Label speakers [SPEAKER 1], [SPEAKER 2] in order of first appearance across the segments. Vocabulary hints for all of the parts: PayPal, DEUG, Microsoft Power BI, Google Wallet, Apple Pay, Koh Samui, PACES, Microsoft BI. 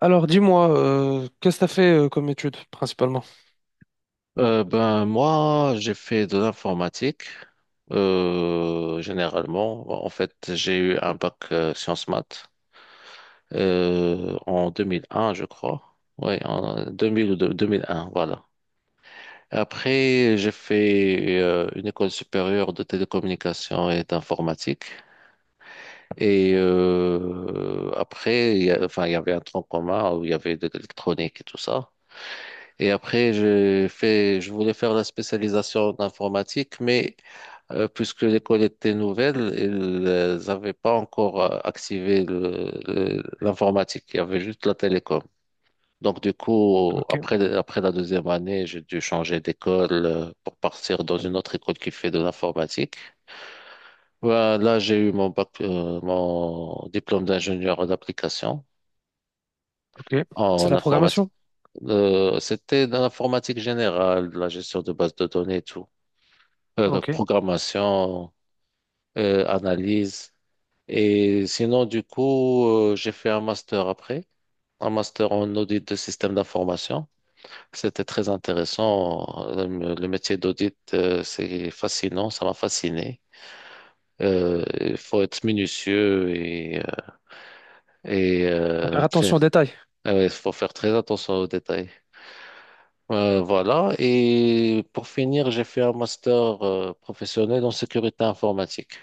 [SPEAKER 1] Alors, dis-moi, qu'est-ce que t'as fait comme étude, principalement?
[SPEAKER 2] Ben moi, j'ai fait de l'informatique. Généralement, en fait, j'ai eu un bac sciences maths en 2001, je crois. Oui, en 2000 ou 2001, voilà. Après, j'ai fait une école supérieure de télécommunications et d'informatique. Et après, enfin, il y avait un tronc commun où il y avait de l'électronique et tout ça. Et après, j'ai fait, je voulais faire la spécialisation d'informatique, mais puisque l'école était nouvelle, ils n'avaient pas encore activé l'informatique, il y avait juste la télécom. Donc du coup,
[SPEAKER 1] Ok,
[SPEAKER 2] après la deuxième année, j'ai dû changer d'école pour partir dans une autre école qui fait de l'informatique. Voilà, là, j'ai eu mon bac, mon diplôme d'ingénieur d'application
[SPEAKER 1] ok. C'est de
[SPEAKER 2] en
[SPEAKER 1] la
[SPEAKER 2] informatique.
[SPEAKER 1] programmation?
[SPEAKER 2] C'était dans l'informatique générale, la gestion de bases de données et tout,
[SPEAKER 1] Ok.
[SPEAKER 2] programmation, analyse. Et sinon, du coup, j'ai fait un master après, un master en audit de système d'information. C'était très intéressant. Le métier d'audit, c'est fascinant, ça m'a fasciné. Il faut être minutieux et, et
[SPEAKER 1] Faut
[SPEAKER 2] euh,
[SPEAKER 1] faire
[SPEAKER 2] très-
[SPEAKER 1] attention aux détails.
[SPEAKER 2] ah ouais, il faut faire très attention aux détails. Voilà. Et pour finir, j'ai fait un master professionnel en sécurité informatique.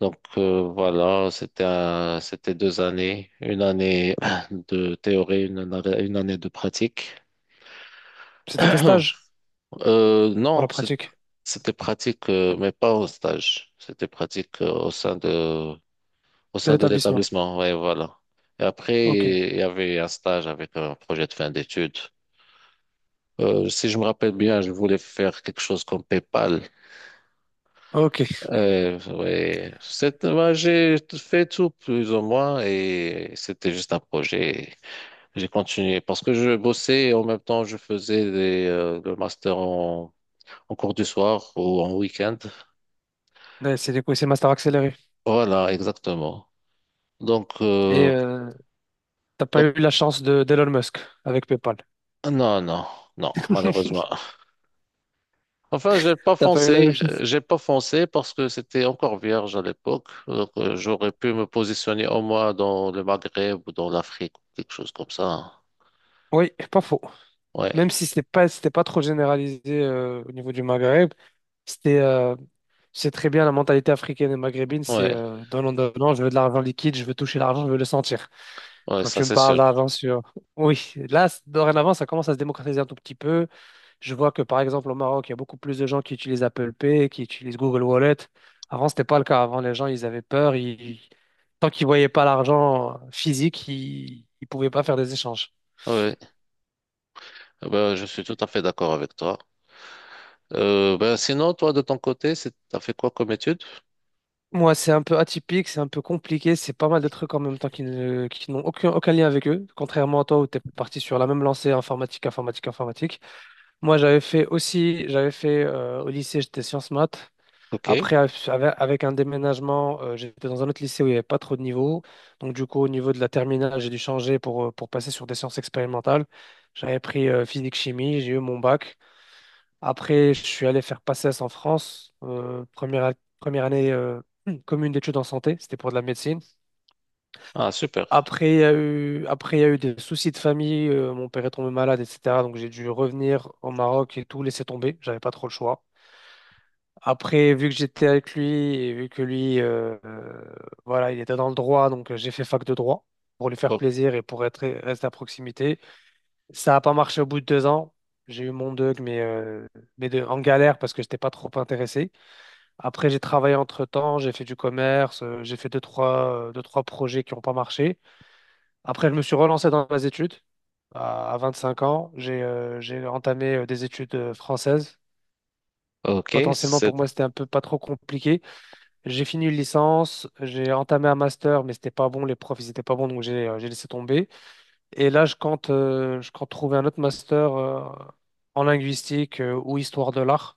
[SPEAKER 2] Donc voilà, c'était deux années, une année de théorie, une année de pratique.
[SPEAKER 1] C'était tes stages pour
[SPEAKER 2] Non,
[SPEAKER 1] la pratique
[SPEAKER 2] c'était pratique, mais pas au stage. C'était pratique au sein de au
[SPEAKER 1] de
[SPEAKER 2] sein de
[SPEAKER 1] l'établissement.
[SPEAKER 2] l'établissement. Ouais, voilà. Et après,
[SPEAKER 1] Ok,
[SPEAKER 2] il y avait un stage avec un projet de fin d'études. Si je me rappelle bien, je voulais faire quelque chose comme PayPal.
[SPEAKER 1] ok.
[SPEAKER 2] Ouais, ouais, j'ai fait tout plus ou moins et c'était juste un projet. J'ai continué parce que je bossais et en même temps je faisais le master en cours du soir ou en week-end.
[SPEAKER 1] Ouais, c'est du coup, c'est master accéléré.
[SPEAKER 2] Voilà, exactement. Donc,
[SPEAKER 1] Et
[SPEAKER 2] euh,
[SPEAKER 1] t'as pas
[SPEAKER 2] donc
[SPEAKER 1] eu la chance de d'Elon Musk avec PayPal.
[SPEAKER 2] non, non, non, malheureusement. Enfin,
[SPEAKER 1] T'as pas eu la même chose?
[SPEAKER 2] j'ai pas foncé parce que c'était encore vierge à l'époque. Donc, j'aurais pu me positionner au moins dans le Maghreb ou dans l'Afrique, quelque chose comme ça, hein.
[SPEAKER 1] Oui, pas faux. Même
[SPEAKER 2] Ouais,
[SPEAKER 1] si c'était pas trop généralisé au niveau du Maghreb, c'était, euh, c'est très bien la mentalité africaine et maghrébine, c'est
[SPEAKER 2] ouais,
[SPEAKER 1] donnant, donnant, je veux de l'argent liquide, je veux toucher l'argent, je veux le sentir.
[SPEAKER 2] ouais,
[SPEAKER 1] Quand
[SPEAKER 2] ça
[SPEAKER 1] tu me
[SPEAKER 2] c'est
[SPEAKER 1] parles
[SPEAKER 2] sûr.
[SPEAKER 1] d'avant sur oui, là, dorénavant, ça commence à se démocratiser un tout petit peu. Je vois que, par exemple, au Maroc, il y a beaucoup plus de gens qui utilisent Apple Pay, qui utilisent Google Wallet. Avant, c'était pas le cas. Avant, les gens, ils avaient peur. Tant qu'ils voyaient pas l'argent physique, ils pouvaient pas faire des échanges.
[SPEAKER 2] Ouais, eh ben, je suis tout à fait d'accord avec toi. Ben sinon, toi, de ton côté, c'est, t'as fait quoi comme étude?
[SPEAKER 1] Moi, c'est un peu atypique, c'est un peu compliqué, c'est pas mal de trucs en même temps qui n'ont aucun lien avec eux, contrairement à toi où tu es parti sur la même lancée informatique, informatique, informatique. Moi, j'avais fait aussi, j'avais fait au lycée, j'étais sciences maths.
[SPEAKER 2] Ok.
[SPEAKER 1] Après, avec un déménagement, j'étais dans un autre lycée où il n'y avait pas trop de niveaux. Donc, du coup, au niveau de la terminale, j'ai dû changer pour passer sur des sciences expérimentales. J'avais pris physique-chimie, j'ai eu mon bac. Après, je suis allé faire PACES en France, première année commune d'études en santé, c'était pour de la médecine.
[SPEAKER 2] Ah, super.
[SPEAKER 1] Après, il y a eu, après, il y a eu des soucis de famille, mon père est tombé malade, etc. Donc, j'ai dû revenir au Maroc et tout laisser tomber, j'avais pas trop le choix. Après, vu que j'étais avec lui et vu que lui, voilà, il était dans le droit, donc j'ai fait fac de droit pour lui faire
[SPEAKER 2] Oh,
[SPEAKER 1] plaisir et pour être, rester à proximité. Ça n'a pas marché au bout de 2 ans. J'ai eu mon DEUG, mais en galère parce que je n'étais pas trop intéressé. Après, j'ai travaillé entre-temps, j'ai fait du commerce, j'ai fait deux, trois projets qui n'ont pas marché. Après, je me suis relancé dans mes études. À 25 ans, j'ai entamé des études françaises.
[SPEAKER 2] ok,
[SPEAKER 1] Potentiellement, pour
[SPEAKER 2] c'est,
[SPEAKER 1] moi, c'était un peu pas trop compliqué. J'ai fini une licence, j'ai entamé un master, mais c'était pas bon, les profs, ils étaient pas bons, donc j'ai laissé tomber. Et là, je compte trouver un autre master en linguistique ou histoire de l'art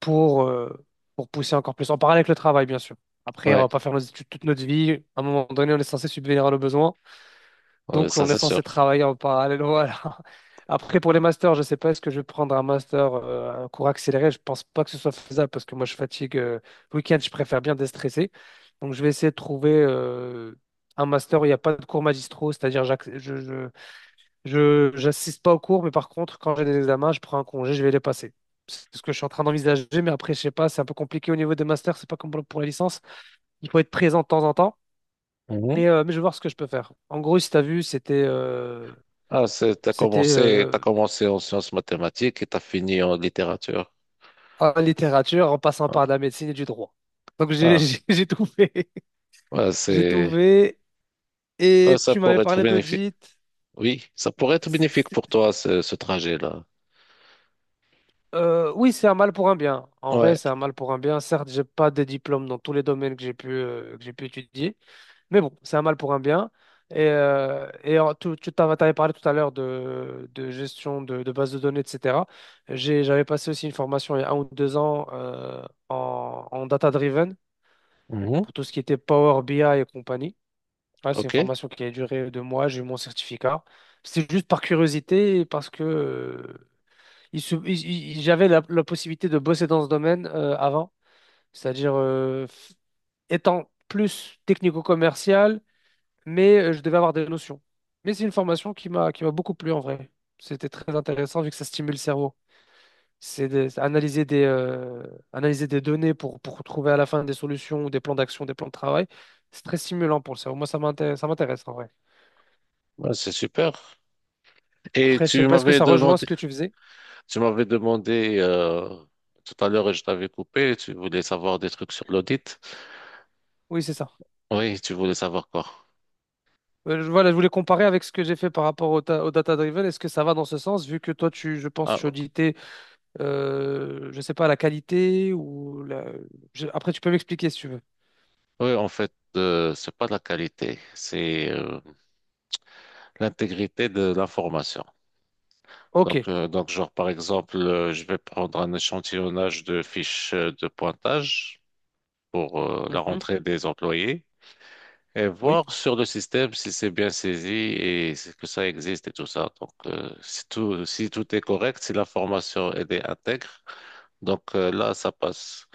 [SPEAKER 1] pour, euh, pour pousser encore plus, en parallèle avec le travail, bien sûr. Après, on
[SPEAKER 2] ouais,
[SPEAKER 1] va pas faire nos études toute notre vie. À un moment donné, on est censé subvenir à nos besoins.
[SPEAKER 2] ouais,
[SPEAKER 1] Donc,
[SPEAKER 2] ça
[SPEAKER 1] on est
[SPEAKER 2] c'est sûr.
[SPEAKER 1] censé travailler en parallèle. Voilà. Après, pour les masters, je ne sais pas, est-ce que je vais prendre un master, un cours accéléré? Je pense pas que ce soit faisable parce que moi, je fatigue. Le week-end, je préfère bien déstresser. Donc, je vais essayer de trouver un master où il n'y a pas de cours magistraux, c'est-à-dire j'assiste pas aux cours, mais par contre, quand j'ai des examens, je prends un congé, je vais les passer. C'est ce que je suis en train d'envisager, mais après, je sais pas, c'est un peu compliqué au niveau des masters, c'est pas comme pour la licence. Il faut être présent de temps en temps.
[SPEAKER 2] Mhm.
[SPEAKER 1] Mais je vais voir ce que je peux faire. En gros, si tu as vu, c'était euh,
[SPEAKER 2] Ah, c'est, t'as
[SPEAKER 1] c'était
[SPEAKER 2] commencé,
[SPEAKER 1] euh,
[SPEAKER 2] t'as commencé en sciences mathématiques et t'as fini en littérature.
[SPEAKER 1] en littérature, en passant par de
[SPEAKER 2] Ah,
[SPEAKER 1] la médecine et du droit. Donc j'ai
[SPEAKER 2] ah,
[SPEAKER 1] j'ai tout fait.
[SPEAKER 2] ouais,
[SPEAKER 1] J'ai tout
[SPEAKER 2] c'est,
[SPEAKER 1] fait.
[SPEAKER 2] ouais,
[SPEAKER 1] Et
[SPEAKER 2] ça
[SPEAKER 1] tu m'avais
[SPEAKER 2] pourrait être
[SPEAKER 1] parlé
[SPEAKER 2] bénéfique.
[SPEAKER 1] d'audit.
[SPEAKER 2] Oui, ça
[SPEAKER 1] Bah,
[SPEAKER 2] pourrait être bénéfique pour toi, ce trajet-là.
[SPEAKER 1] oui, c'est un mal pour un bien. En vrai,
[SPEAKER 2] Ouais.
[SPEAKER 1] c'est un mal pour un bien. Certes, j'ai pas de diplôme dans tous les domaines que j'ai pu étudier. Mais bon, c'est un mal pour un bien. Et tu t'avais parlé tout à l'heure de gestion de bases de données, etc. J'avais passé aussi une formation il y a 1 ou 2 ans en data-driven.
[SPEAKER 2] Mhm.
[SPEAKER 1] Pour tout ce qui était Power BI et compagnie. Ouais, c'est une
[SPEAKER 2] Ok.
[SPEAKER 1] formation qui a duré 2 mois, j'ai eu mon certificat. C'était juste par curiosité et parce que il se- il- j'avais la possibilité de bosser dans ce domaine avant, c'est-à-dire étant plus technico-commercial, mais je devais avoir des notions. Mais c'est une formation qui m'a beaucoup plu en vrai. C'était très intéressant vu que ça stimule le cerveau. C'est analyser des données pour trouver à la fin des solutions ou des plans d'action, des plans de travail. C'est très stimulant pour le cerveau. Moi, ça m'intéresse en vrai.
[SPEAKER 2] Ouais, c'est super. Et
[SPEAKER 1] Après, je sais
[SPEAKER 2] tu
[SPEAKER 1] pas, est-ce que
[SPEAKER 2] m'avais
[SPEAKER 1] ça rejoint
[SPEAKER 2] demandé.
[SPEAKER 1] ce que tu faisais?
[SPEAKER 2] Tu m'avais demandé tout à l'heure et je t'avais coupé, tu voulais savoir des trucs sur l'audit.
[SPEAKER 1] Oui, c'est ça.
[SPEAKER 2] Oui, tu voulais savoir quoi?
[SPEAKER 1] Voilà, je voulais comparer avec ce que j'ai fait par rapport au data-driven. Est-ce que ça va dans ce sens, vu que toi, tu, je pense, tu
[SPEAKER 2] Ah,
[SPEAKER 1] auditais, je sais pas, la qualité ou la... Après, tu peux m'expliquer si tu veux.
[SPEAKER 2] oui, en fait, c'est pas la qualité, c'est l'intégrité de l'information. Donc,
[SPEAKER 1] Ok.
[SPEAKER 2] genre, par exemple, je vais prendre un échantillonnage de fiches de pointage pour la
[SPEAKER 1] Mhm.
[SPEAKER 2] rentrée des employés et
[SPEAKER 1] Oui.
[SPEAKER 2] voir sur le système si c'est bien saisi que ça existe et tout ça. Donc, si tout est correct, si l'information elle est intègre, donc là, ça passe.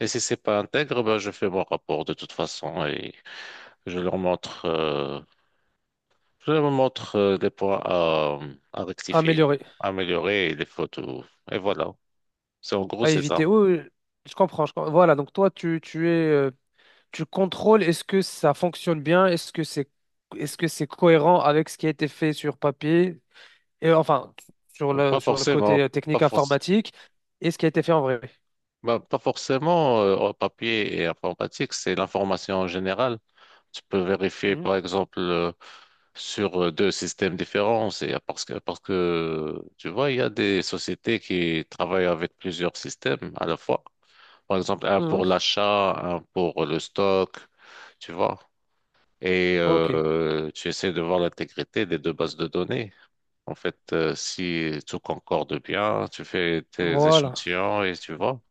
[SPEAKER 2] Et si c'est pas intègre, ben, je fais mon rapport de toute façon et je leur montre, les points à rectifier,
[SPEAKER 1] Améliorer.
[SPEAKER 2] à améliorer et les fautes. Et voilà.
[SPEAKER 1] À
[SPEAKER 2] C'est
[SPEAKER 1] éviter.
[SPEAKER 2] ça.
[SPEAKER 1] Oui, oui, je comprends, je comprends. Voilà, donc toi, tu es... tu contrôles est-ce que ça fonctionne bien, est-ce que c'est cohérent avec ce qui a été fait sur papier et enfin sur
[SPEAKER 2] Pas
[SPEAKER 1] le sur le côté
[SPEAKER 2] forcément, pas
[SPEAKER 1] technique
[SPEAKER 2] forc-
[SPEAKER 1] informatique et ce qui a été fait en vrai.
[SPEAKER 2] ben, pas forcément en papier et informatique, c'est l'information en général. Tu peux vérifier,
[SPEAKER 1] Mhm.
[SPEAKER 2] par exemple, sur deux systèmes différents. C'est parce que tu vois, il y a des sociétés qui travaillent avec plusieurs systèmes à la fois. Par exemple, un
[SPEAKER 1] Mhm.
[SPEAKER 2] pour l'achat, un pour le stock, tu vois. Et
[SPEAKER 1] Ok,
[SPEAKER 2] tu essaies de voir l'intégrité des deux bases de données. En fait, si tout concorde bien, tu fais tes
[SPEAKER 1] voilà.
[SPEAKER 2] échantillons et tu vois,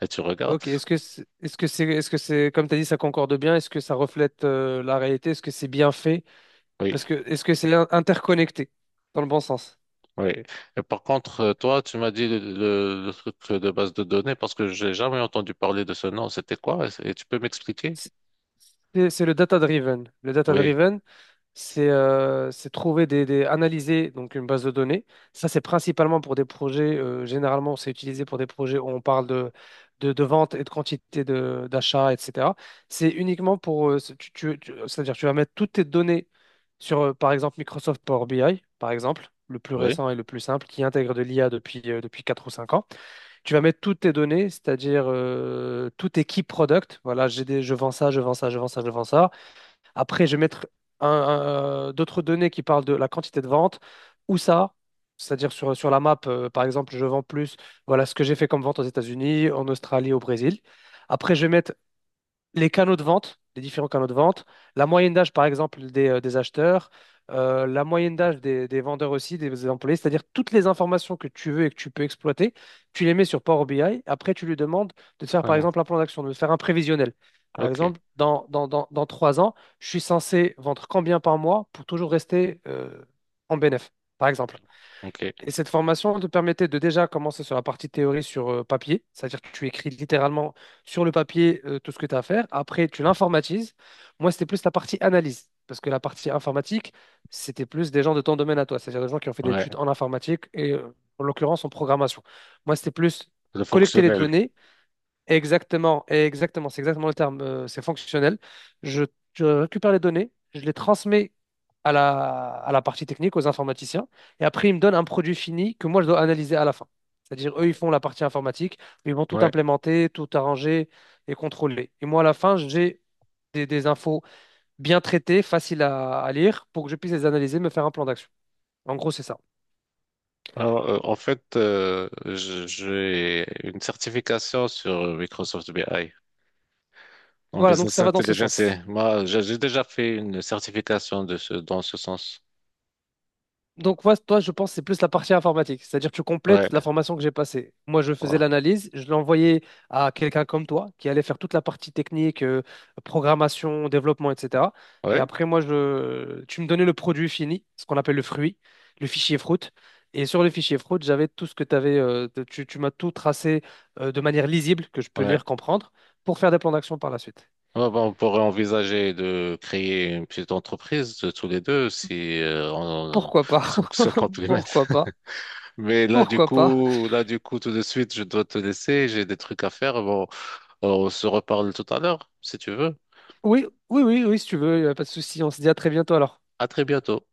[SPEAKER 2] et tu regardes.
[SPEAKER 1] Ok, est-ce que c'est comme tu as dit ça concorde bien, est-ce que ça reflète la réalité, est-ce que c'est bien fait
[SPEAKER 2] Oui.
[SPEAKER 1] parce que est-ce que c'est in- interconnecté dans le bon sens?
[SPEAKER 2] Oui. Et par contre, toi, tu m'as dit le truc de base de données parce que j'ai jamais entendu parler de ce nom. C'était quoi? Et tu peux m'expliquer?
[SPEAKER 1] C'est le data-driven. Le
[SPEAKER 2] Oui.
[SPEAKER 1] data-driven, c'est trouver analyser donc une base de données. Ça, c'est principalement pour des projets. Généralement, c'est utilisé pour des projets où on parle de vente et de quantité d'achat, etc. C'est uniquement pour, ce- tu- tu- c'est-à-dire tu vas mettre toutes tes données sur, par exemple, Microsoft Power BI, par exemple, le plus
[SPEAKER 2] Oui.
[SPEAKER 1] récent et le plus simple, qui intègre de l'IA depuis 4 ou 5 ans. Tu vas mettre toutes tes données, c'est-à-dire tout tes key products. Voilà, j'ai je vends ça, je vends ça, je vends ça, je vends ça. Après, je vais mettre d'autres données qui parlent de la quantité de vente ou ça, c'est-à-dire sur la map, par exemple, je vends plus. Voilà ce que j'ai fait comme vente aux États-Unis, en Australie, au Brésil. Après, je vais mettre les canaux de vente, les différents canaux de vente, la moyenne d'âge, par exemple, des acheteurs, la moyenne d'âge des vendeurs aussi, des employés, c'est-à-dire toutes les informations que tu veux et que tu peux exploiter, tu les mets sur Power BI. Après, tu lui demandes de te faire,
[SPEAKER 2] Ah
[SPEAKER 1] par
[SPEAKER 2] non.
[SPEAKER 1] exemple, un plan d'action, de te faire un prévisionnel. Par
[SPEAKER 2] Ok.
[SPEAKER 1] exemple, dans 3 ans, je suis censé vendre combien par mois pour toujours rester en bénéf, par exemple.
[SPEAKER 2] Ok.
[SPEAKER 1] Et cette formation te permettait de déjà commencer sur la partie théorie sur papier, c'est-à-dire que tu écris littéralement sur le papier tout ce que tu as à faire. Après, tu l'informatises. Moi, c'était plus la partie analyse, parce que la partie informatique, c'était plus des gens de ton domaine à toi, c'est-à-dire des gens qui ont fait des
[SPEAKER 2] Ouais.
[SPEAKER 1] études en informatique et en l'occurrence en programmation. Moi, c'était plus
[SPEAKER 2] Le
[SPEAKER 1] collecter les
[SPEAKER 2] fonctionnel.
[SPEAKER 1] données. Exactement, exactement, c'est exactement le terme, c'est fonctionnel. Je, je récupère les données, je les transmets à la partie technique, aux informaticiens, et après ils me donnent un produit fini que moi je dois analyser à la fin. C'est-à-dire, eux, ils font la partie informatique, mais ils vont tout
[SPEAKER 2] Ouais.
[SPEAKER 1] implémenter, tout arranger et contrôler. Et moi, à la fin, j'ai des infos bien traitées, faciles à lire, pour que je puisse les analyser, me faire un plan d'action. En gros, c'est ça.
[SPEAKER 2] Alors, j'ai une certification sur Microsoft BI en
[SPEAKER 1] Voilà, donc
[SPEAKER 2] business
[SPEAKER 1] ça va dans ce
[SPEAKER 2] intelligence. Et
[SPEAKER 1] sens.
[SPEAKER 2] moi, j'ai déjà fait une certification de ce, dans ce sens.
[SPEAKER 1] Donc, moi, toi, je pense que c'est plus la partie informatique, c'est-à-dire tu
[SPEAKER 2] Ouais.
[SPEAKER 1] complètes la formation que j'ai passée. Moi, je faisais
[SPEAKER 2] Ouais.
[SPEAKER 1] l'analyse, je l'envoyais à quelqu'un comme toi qui allait faire toute la partie technique, programmation, développement, etc. Et
[SPEAKER 2] Ouais.
[SPEAKER 1] après, moi, tu me donnais le produit fini, ce qu'on appelle le fruit, le fichier fruit. Et sur le fichier fruit, j'avais tout ce que t'avais, tu m'as tout tracé de manière lisible, que je peux
[SPEAKER 2] Ouais.
[SPEAKER 1] lire, comprendre, pour faire des plans d'action par la suite.
[SPEAKER 2] Ouais, bah, on pourrait envisager de créer une petite entreprise de tous les deux si euh, on,
[SPEAKER 1] Pourquoi pas?
[SPEAKER 2] si on se complète.
[SPEAKER 1] Pourquoi pas?
[SPEAKER 2] Mais là,
[SPEAKER 1] Pourquoi pas?
[SPEAKER 2] tout de suite, je dois te laisser. J'ai des trucs à faire. Bon, on se reparle tout à l'heure, si tu veux.
[SPEAKER 1] Oui, oui, oui, oui, si tu veux, y a pas de souci. On se dit à très bientôt alors.
[SPEAKER 2] À très bientôt.